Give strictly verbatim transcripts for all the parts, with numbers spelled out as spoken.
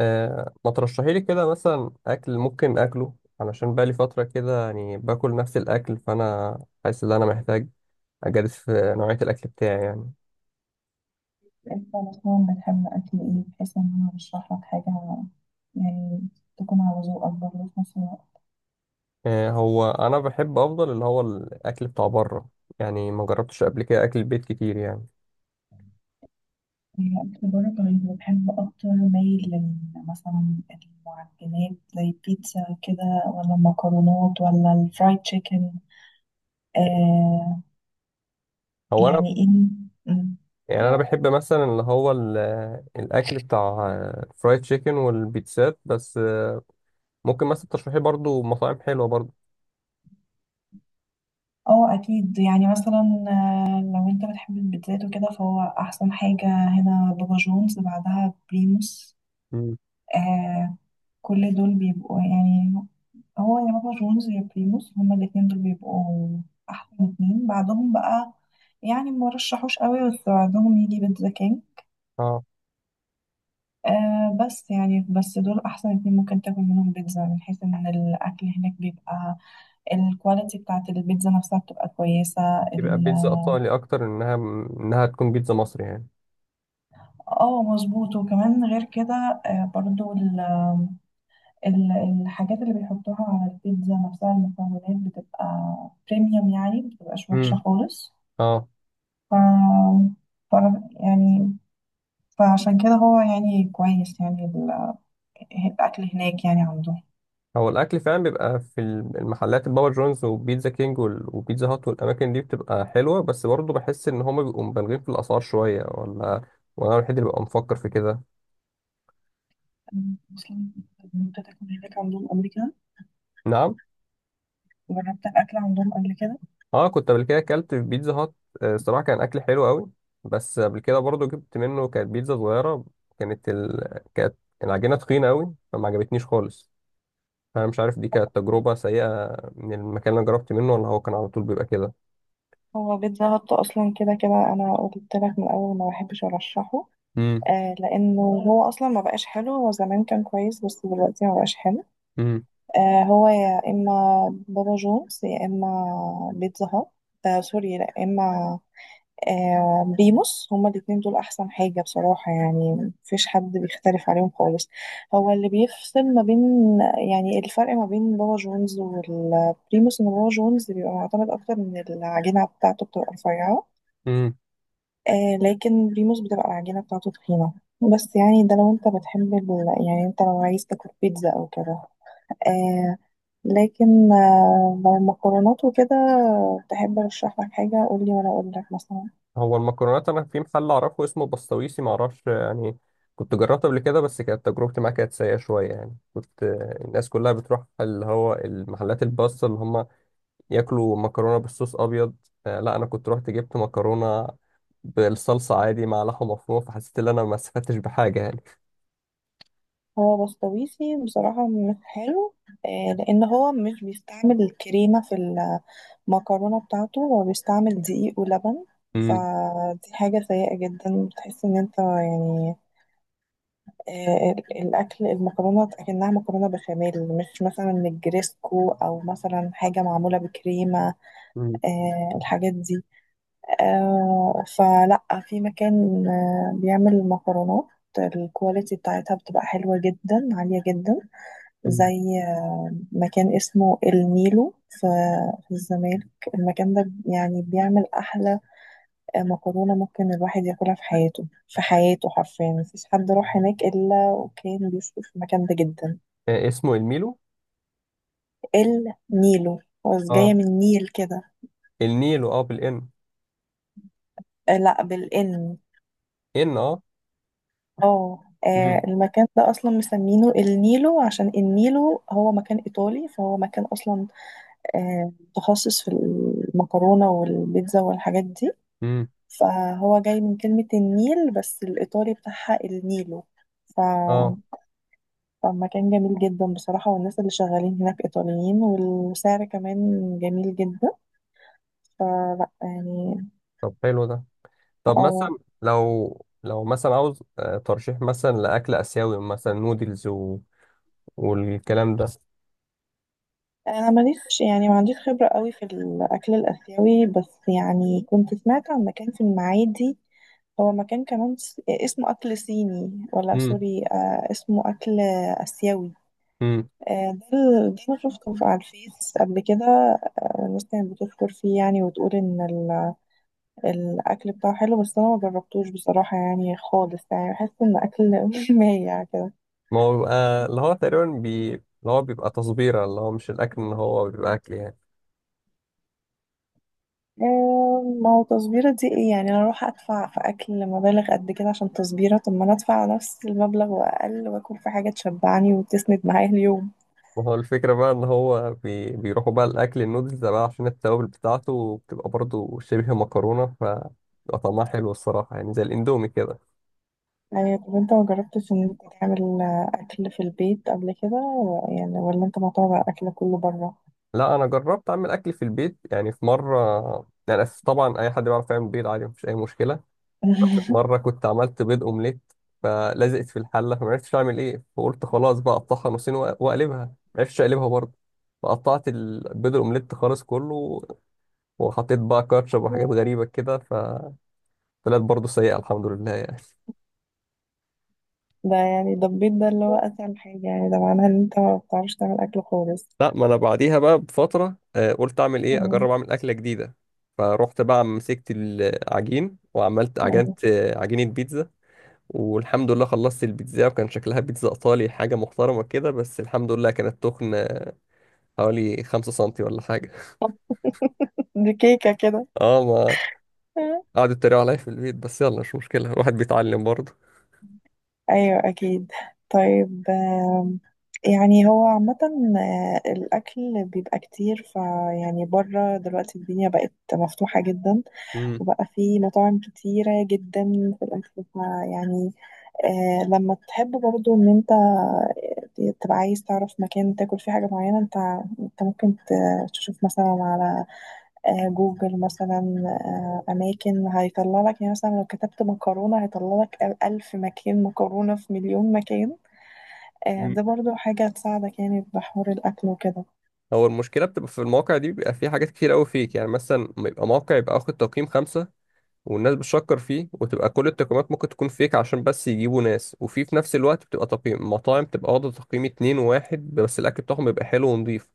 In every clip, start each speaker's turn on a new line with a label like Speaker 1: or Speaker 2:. Speaker 1: آه ما ترشحي لي كده مثلا اكل ممكن اكله، علشان بقالي فتره كده يعني باكل نفس الاكل، فانا حاسس ان انا محتاج اجدد في نوعيه الاكل بتاعي يعني.
Speaker 2: انت مثلا بتحب اكل ايه بحيث ان انا ارشح لك حاجه، يعني تكون على ذوقك برضه في نفس الوقت؟
Speaker 1: آه هو انا بحب افضل اللي هو الاكل بتاع بره، يعني ما جربتش قبل كده اكل البيت كتير يعني.
Speaker 2: يعني اكل بره؟ طيب بحب اكتر مايل لل- مثلا المعجنات زي البيتزا كده، ولا المكرونات ولا الفرايد تشيكن؟ آه،
Speaker 1: هو انا
Speaker 2: يعني ايه؟ مم.
Speaker 1: يعني، انا بحب مثلا اللي هو ال- الاكل بتاع الفرايد تشيكن والبيتزات، بس آه، ممكن مثلا ترشحي برضو مطاعم حلوه برضو.
Speaker 2: اه اكيد، يعني مثلا آه، لو انت بتحب البيتزات وكده فهو احسن حاجه هنا بابا جونز، بعدها بريموس.
Speaker 1: مم.
Speaker 2: آه، كل دول بيبقوا يعني، هو يا بابا جونز يا بريموس، هما الاتنين دول بيبقوا أحسن اتنين. بعدهم بقى يعني ما رشحوش قوي، بس بعدهم يجي بيتزا كينج.
Speaker 1: اه،
Speaker 2: آه بس يعني بس دول أحسن اتنين ممكن تاكل منهم بيتزا، من حيث إن الأكل هناك بيبقى الكواليتي بتاعت البيتزا نفسها بتبقى كويسة
Speaker 1: يبقى
Speaker 2: ال-
Speaker 1: بيتزا ايطالي اكتر انها انها تكون بيتزا مصري يعني.
Speaker 2: اه مظبوط، وكمان غير كده آه برضو ال- الحاجات اللي بيحطوها على البيتزا نفسها، المكونات بتبقى بريميوم يعني، بتبقاش وحشة خالص.
Speaker 1: اه،
Speaker 2: ف... ف... يعني فعشان كده هو يعني كويس، يعني ال- الأكل هناك يعني عندهم.
Speaker 1: هو الاكل فعلا بيبقى في المحلات البابا جونز وبيتزا كينج وال- وبيتزا هات والاماكن دي بتبقى حلوه، بس برضه بحس ان هما بيبقوا مبالغين في الاسعار شويه، ولا وانا الوحيد اللي ببقى مفكر في كده؟
Speaker 2: أنا أصلا جربت تاكل هناك عندهم قبل كده؟
Speaker 1: نعم.
Speaker 2: جربت الأكل عندهم قبل كده.
Speaker 1: اه كنت قبل كده اكلت في بيتزا هات. آه، الصراحه كان اكل حلو قوي، بس قبل كده برضه جبت منه كانت بيتزا صغيره، كانت ال... كانت العجينه تخينه قوي فما عجبتنيش خالص. فانا مش عارف دي كانت تجربه سيئه من المكان اللي أنا جربت منه، ولا هو كان على طول بيبقى كده.
Speaker 2: هو بيتزا هت أصلا كده كده أنا قلت لك من الأول ما بحبش أرشحه. آه لأنه هو أصلا ما بقاش حلو، هو زمان كان كويس بس دلوقتي ما بقاش حلو. آه، هو يا إما بابا جونز يا إما بيتزا هات آه سوري، لا، يا إما آه بريموس. هما الاتنين دول أحسن حاجة بصراحة، يعني مفيش حد بيختلف عليهم خالص. هو اللي بيفصل ما بين، يعني الفرق ما بين بابا جونز والبريموس، إن بابا جونز بيبقى معتمد أكتر، من العجينة بتاعته بتبقى رفيعة.
Speaker 1: امم.
Speaker 2: آه لكن بريموس بتبقى العجينة بتاعته تخينة. بس يعني ده لو انت بتحب ال... يعني انت لو عايز تاكل بيتزا او كده. آه، لكن آه، لو مكرونات وكده، تحب ارشح لك حاجه؟ قول لي وانا اقول لك مثلا.
Speaker 1: هو المكرونات، انا في محل اعرفه اسمه بسطويسي، معرفش يعني. كنت جربته قبل كده بس كانت تجربتي معاه كانت سيئة شوية، يعني كنت الناس كلها بتروح اللي هو المحلات الباستا اللي هم ياكلوا مكرونة بالصوص ابيض. آه، لا انا كنت رحت جبت مكرونة بالصلصة عادي مع لحمة مفرومة، فحسيت ان انا ما استفدتش بحاجة يعني.
Speaker 2: هو بسطويسي بصراحه مش حلو. آه، لان هو مش بيستعمل الكريمه في المكرونه بتاعته، هو بيستعمل دقيق ولبن.
Speaker 1: امم.
Speaker 2: فدي حاجه سيئه جدا، بتحس ان انت يعني آه، ال- الاكل، المكرونه اكنها مكرونه بشاميل، مش مثلا نجريسكو او مثلا حاجه معموله بكريمه.
Speaker 1: مم.
Speaker 2: آه، الحاجات دي آه فلا، في مكان آه بيعمل مكرونات الكواليتي بتاعتها بتبقى حلوة جدا عالية جدا.
Speaker 1: مم.
Speaker 2: زي مكان اسمه النيلو في في الزمالك. المكان ده يعني بيعمل أحلى آه، مكرونة ممكن الواحد ياكلها في حياته، في حياته حرفيا مفيش حد راح هناك إلا وكان بيشكر في المكان ده جدا.
Speaker 1: آه، اسمه الميلو.
Speaker 2: النيلو. هو جاية
Speaker 1: اه
Speaker 2: من نيل كده.
Speaker 1: النيلو. اه بالان.
Speaker 2: آه، لا، بالإن.
Speaker 1: ان اه.
Speaker 2: اه. آه،
Speaker 1: مم.
Speaker 2: المكان ده اصلا مسمينه النيلو عشان النيلو هو مكان ايطالي، فهو مكان اصلا آه، متخصص في المكرونه والبيتزا والحاجات دي.
Speaker 1: مم.
Speaker 2: فهو جاي من كلمه النيل بس الايطالي بتاعها النيلو. ف...
Speaker 1: اه،
Speaker 2: فمكان جميل جدا بصراحه، والناس اللي شغالين هناك ايطاليين، والسعر كمان جميل جدا. فلا يعني.
Speaker 1: طب حلو ده. طب
Speaker 2: اه،
Speaker 1: مثلا لو لو مثلا عاوز آه، ترشيح مثلا لأكل آسيوي، مثلا نودلز و... والكلام ده.
Speaker 2: انا ماليش يعني، ما عنديش خبره قوي في الاكل الاسيوي، بس يعني كنت سمعت عن مكان في المعادي. هو مكان كمان س- اسمه اكل صيني ولا
Speaker 1: امم.
Speaker 2: سوري آه اسمه اكل اسيوي.
Speaker 1: امم.
Speaker 2: آه ده ال- ده انا شفته في- على الفيس قبل كده. آه الناس كانت بتشكر فيه يعني، وتقول ان ال- الاكل بتاعه حلو، بس انا ما جربتوش بصراحه، يعني خالص، يعني بحس ان اكل مايع كده.
Speaker 1: ما هو بيبقى اللي هو تقريبا بي... اللي هو بيبقى تصبيرة، اللي هو مش الأكل إن هو بيبقى أكل يعني.
Speaker 2: آه، ما هو تصبيرة دي ايه يعني؟ انا اروح ادفع في اكل مبالغ قد كده عشان تصبيرة؟ طب ما انا ادفع نفس المبلغ واقل، واكل في حاجة تشبعني وتسند معايا اليوم.
Speaker 1: وهو الفكرة بقى إن هو بي... بيروحوا بقى الأكل النودلز ده بقى عشان التوابل بتاعته بتبقى برضه شبه مكرونة، فبيبقى طعمها حلو الصراحة يعني زي الإندومي كده.
Speaker 2: آه، طب انت ما جربتش ان انت تعمل آه، اكل في البيت قبل كده و- يعني، ولا انت معتمد على الاكل كله بره؟
Speaker 1: لا، أنا جربت أعمل أكل في البيت يعني في مرة. يعني طبعا أي حد بيعرف يعمل بيض عادي مفيش أي مشكلة. مرة كنت عملت بيض أومليت فلزقت في الحلة، فما عرفتش أعمل إيه، فقلت خلاص بقى أقطعها نصين وأ- وأقلبها. ما عرفتش أقلبها برضه. فقطعت البيض الأومليت خالص كله، وحطيت بقى كاتشب وحاجات غريبة كده، فطلعت برضه سيئة الحمد لله يعني.
Speaker 2: ده يعني ده البيت، ده اللي هو اسهل حاجة يعني، ده معناها ان انت ما بتعرفش تعمل اكل خالص.
Speaker 1: لا، ما أنا بعديها بقى بفترة آه، قلت أعمل إيه،
Speaker 2: آه،
Speaker 1: أجرب أعمل أكلة جديدة. فروحت بقى مسكت العجين وعملت
Speaker 2: آه.
Speaker 1: عجنت آه، عجينة بيتزا. والحمد لله خلصت البيتزا وكان شكلها بيتزا ايطالي حاجه محترمه كده، بس الحمد لله كانت تخن حوالي خمسة سنتي ولا حاجة.
Speaker 2: طب دي كيكة كده.
Speaker 1: اه، ما قعدوا يتريقوا عليا في البيت، بس يلا مش مشكلة الواحد بيتعلم برضه.
Speaker 2: ايوه اكيد. طيب آم، يعني هو عامة آه، الأكل بيبقى كتير، فيعني بره دلوقتي الدنيا بقت مفتوحة جدا،
Speaker 1: امم.
Speaker 2: وبقى في مطاعم كتيرة جدا في الأكل، فيعني آه لما تحب برضو إن أنت تبقى عايز تعرف مكان تاكل فيه حاجة معينة، أنت أنت ممكن ت- تشوف مثلا على آه، جوجل مثلا. آه، أماكن هيطلع لك، يعني مثلا لو كتبت مكرونة هيطلع لك ألف مكان مكرونة في مليون مكان. آه،
Speaker 1: مم.
Speaker 2: ده برضو حاجة تساعدك يعني في حوار الأكل وكده.
Speaker 1: هو المشكلة بتبقى في المواقع دي، بيبقى فيه حاجات كتير قوي فيك، يعني مثلا ما يبقى موقع يبقى واخد تقييم خمسة والناس بتشكر فيه وتبقى كل التقييمات ممكن تكون فيك عشان بس يجيبوا ناس، وفي في نفس الوقت بتبقى تقييم مطاعم تبقى واخدة تقييم اتنين وواحد بس الأكل بتاعهم بيبقى حلو ونضيف.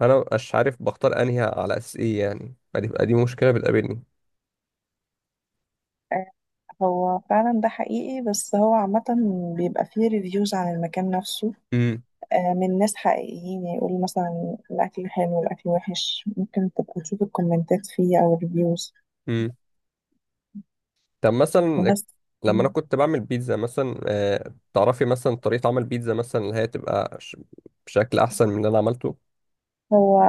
Speaker 1: أنا مبقاش عارف بختار أنهي على أساس إيه يعني، فدي بقى دي مشكلة بتقابلني.
Speaker 2: آه، هو فعلا ده حقيقي، بس هو عامة بيبقى فيه ريفيوز عن المكان نفسه
Speaker 1: امم.
Speaker 2: آه، من ناس حقيقيين يعني، يقولوا مثلا الأكل حلو، الأكل وحش. ممكن تبقى تشوف الكومنتات فيه أو الريفيوز.
Speaker 1: طب مثلا
Speaker 2: بس
Speaker 1: لما انا كنت بعمل بيتزا مثلا، آه، تعرفي مثلا طريقة عمل بيتزا مثلا اللي هي تبقى ش- بشكل احسن من اللي انا عملته؟
Speaker 2: هو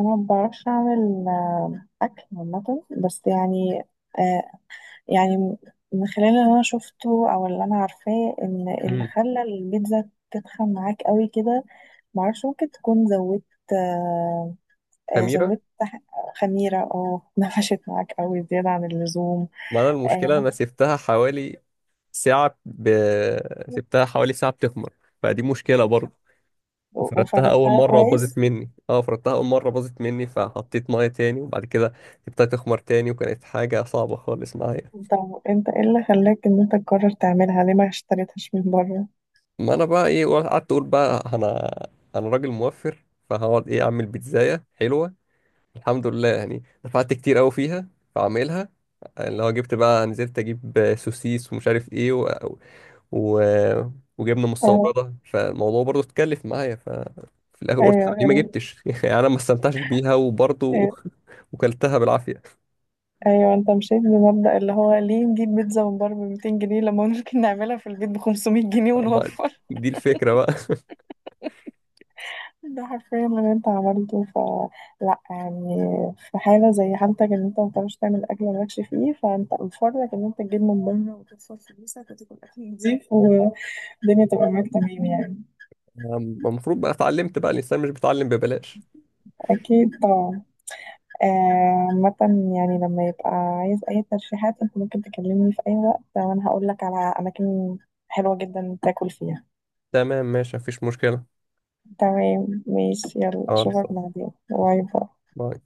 Speaker 2: أنا مبعرفش أعمل آه، أكل عامة، بس يعني آه، يعني م- من خلال اللي انا شفته او اللي انا عارفاه، ان اللي
Speaker 1: امم.
Speaker 2: خلى البيتزا تتخن معاك قوي كده، معرفش ممكن تكون زودت آه آه،
Speaker 1: خميرة.
Speaker 2: زودت ح- خميرة، او نفشت معاك قوي زيادة عن اللزوم.
Speaker 1: ما انا
Speaker 2: آه
Speaker 1: المشكلة
Speaker 2: ممكن-
Speaker 1: انا سبتها حوالي ساعة ب... سبتها حوالي ساعة بتخمر، فدي مشكلة برضه.
Speaker 2: و-
Speaker 1: فردتها اول
Speaker 2: وفردتها
Speaker 1: مرة وباظت
Speaker 2: كويس؟
Speaker 1: مني، اه فردتها اول مرة باظت مني فحطيت مية تاني، وبعد كده سبتها تخمر تاني وكانت حاجة صعبة خالص معايا.
Speaker 2: طب انت ايه اللي خلاك ان انت تقرر تعملها؟ ليه ما اشتريتهاش من بره؟
Speaker 1: ما انا بقى ايه قعدت اقول بقى انا انا راجل موفر، فهقعد ايه اعمل بيتزاية حلوة. الحمد لله يعني دفعت كتير قوي فيها، في عمايلها، اللي هو جبت بقى نزلت اجيب سوسيس ومش عارف ايه و... و... وجبنه
Speaker 2: اه،
Speaker 1: مستورده، فالموضوع برضه اتكلف معايا. ف في الاخر قلت
Speaker 2: ايوه
Speaker 1: طب ليه ما
Speaker 2: ال-
Speaker 1: جبتش، يعني انا ما استمتعتش بيها وبرضه
Speaker 2: ايوه،
Speaker 1: وكلتها بالعافيه.
Speaker 2: أيوة. انت مشيت بمبدأ اللي هو ليه نجيب بيتزا من بره ب مئتين جنيه، لما ممكن نعملها في البيت ب خمسمية جنيه
Speaker 1: أما
Speaker 2: ونوفر.
Speaker 1: دي الفكره بقى.
Speaker 2: ده حرفيا اللي انت عملته، فلا يعني في حالة زي حالتك، ان انت ما بتعرفش تعمل اكل مالكش فيه، فانت مفرك ان انت تجيب من بره وتدفع فلوسك وتاكل اكل نضيف، والدنيا تبقى معاك تمام يعني.
Speaker 1: أم- المفروض بقى اتعلمت، بقى الانسان مش بيتعلم ببلاش.
Speaker 2: اكيد طبعا. آه، عامة يعني لما يبقى عايز اي ترشيحات، انت ممكن تكلمني في اي وقت، وانا هقول لك على اماكن حلوة جدا تاكل فيها.
Speaker 1: تمام ماشي مفيش مشكله.
Speaker 2: تمام ماشي، يلا
Speaker 1: خالص.
Speaker 2: اشوفك بعدين. باي باي.
Speaker 1: باي.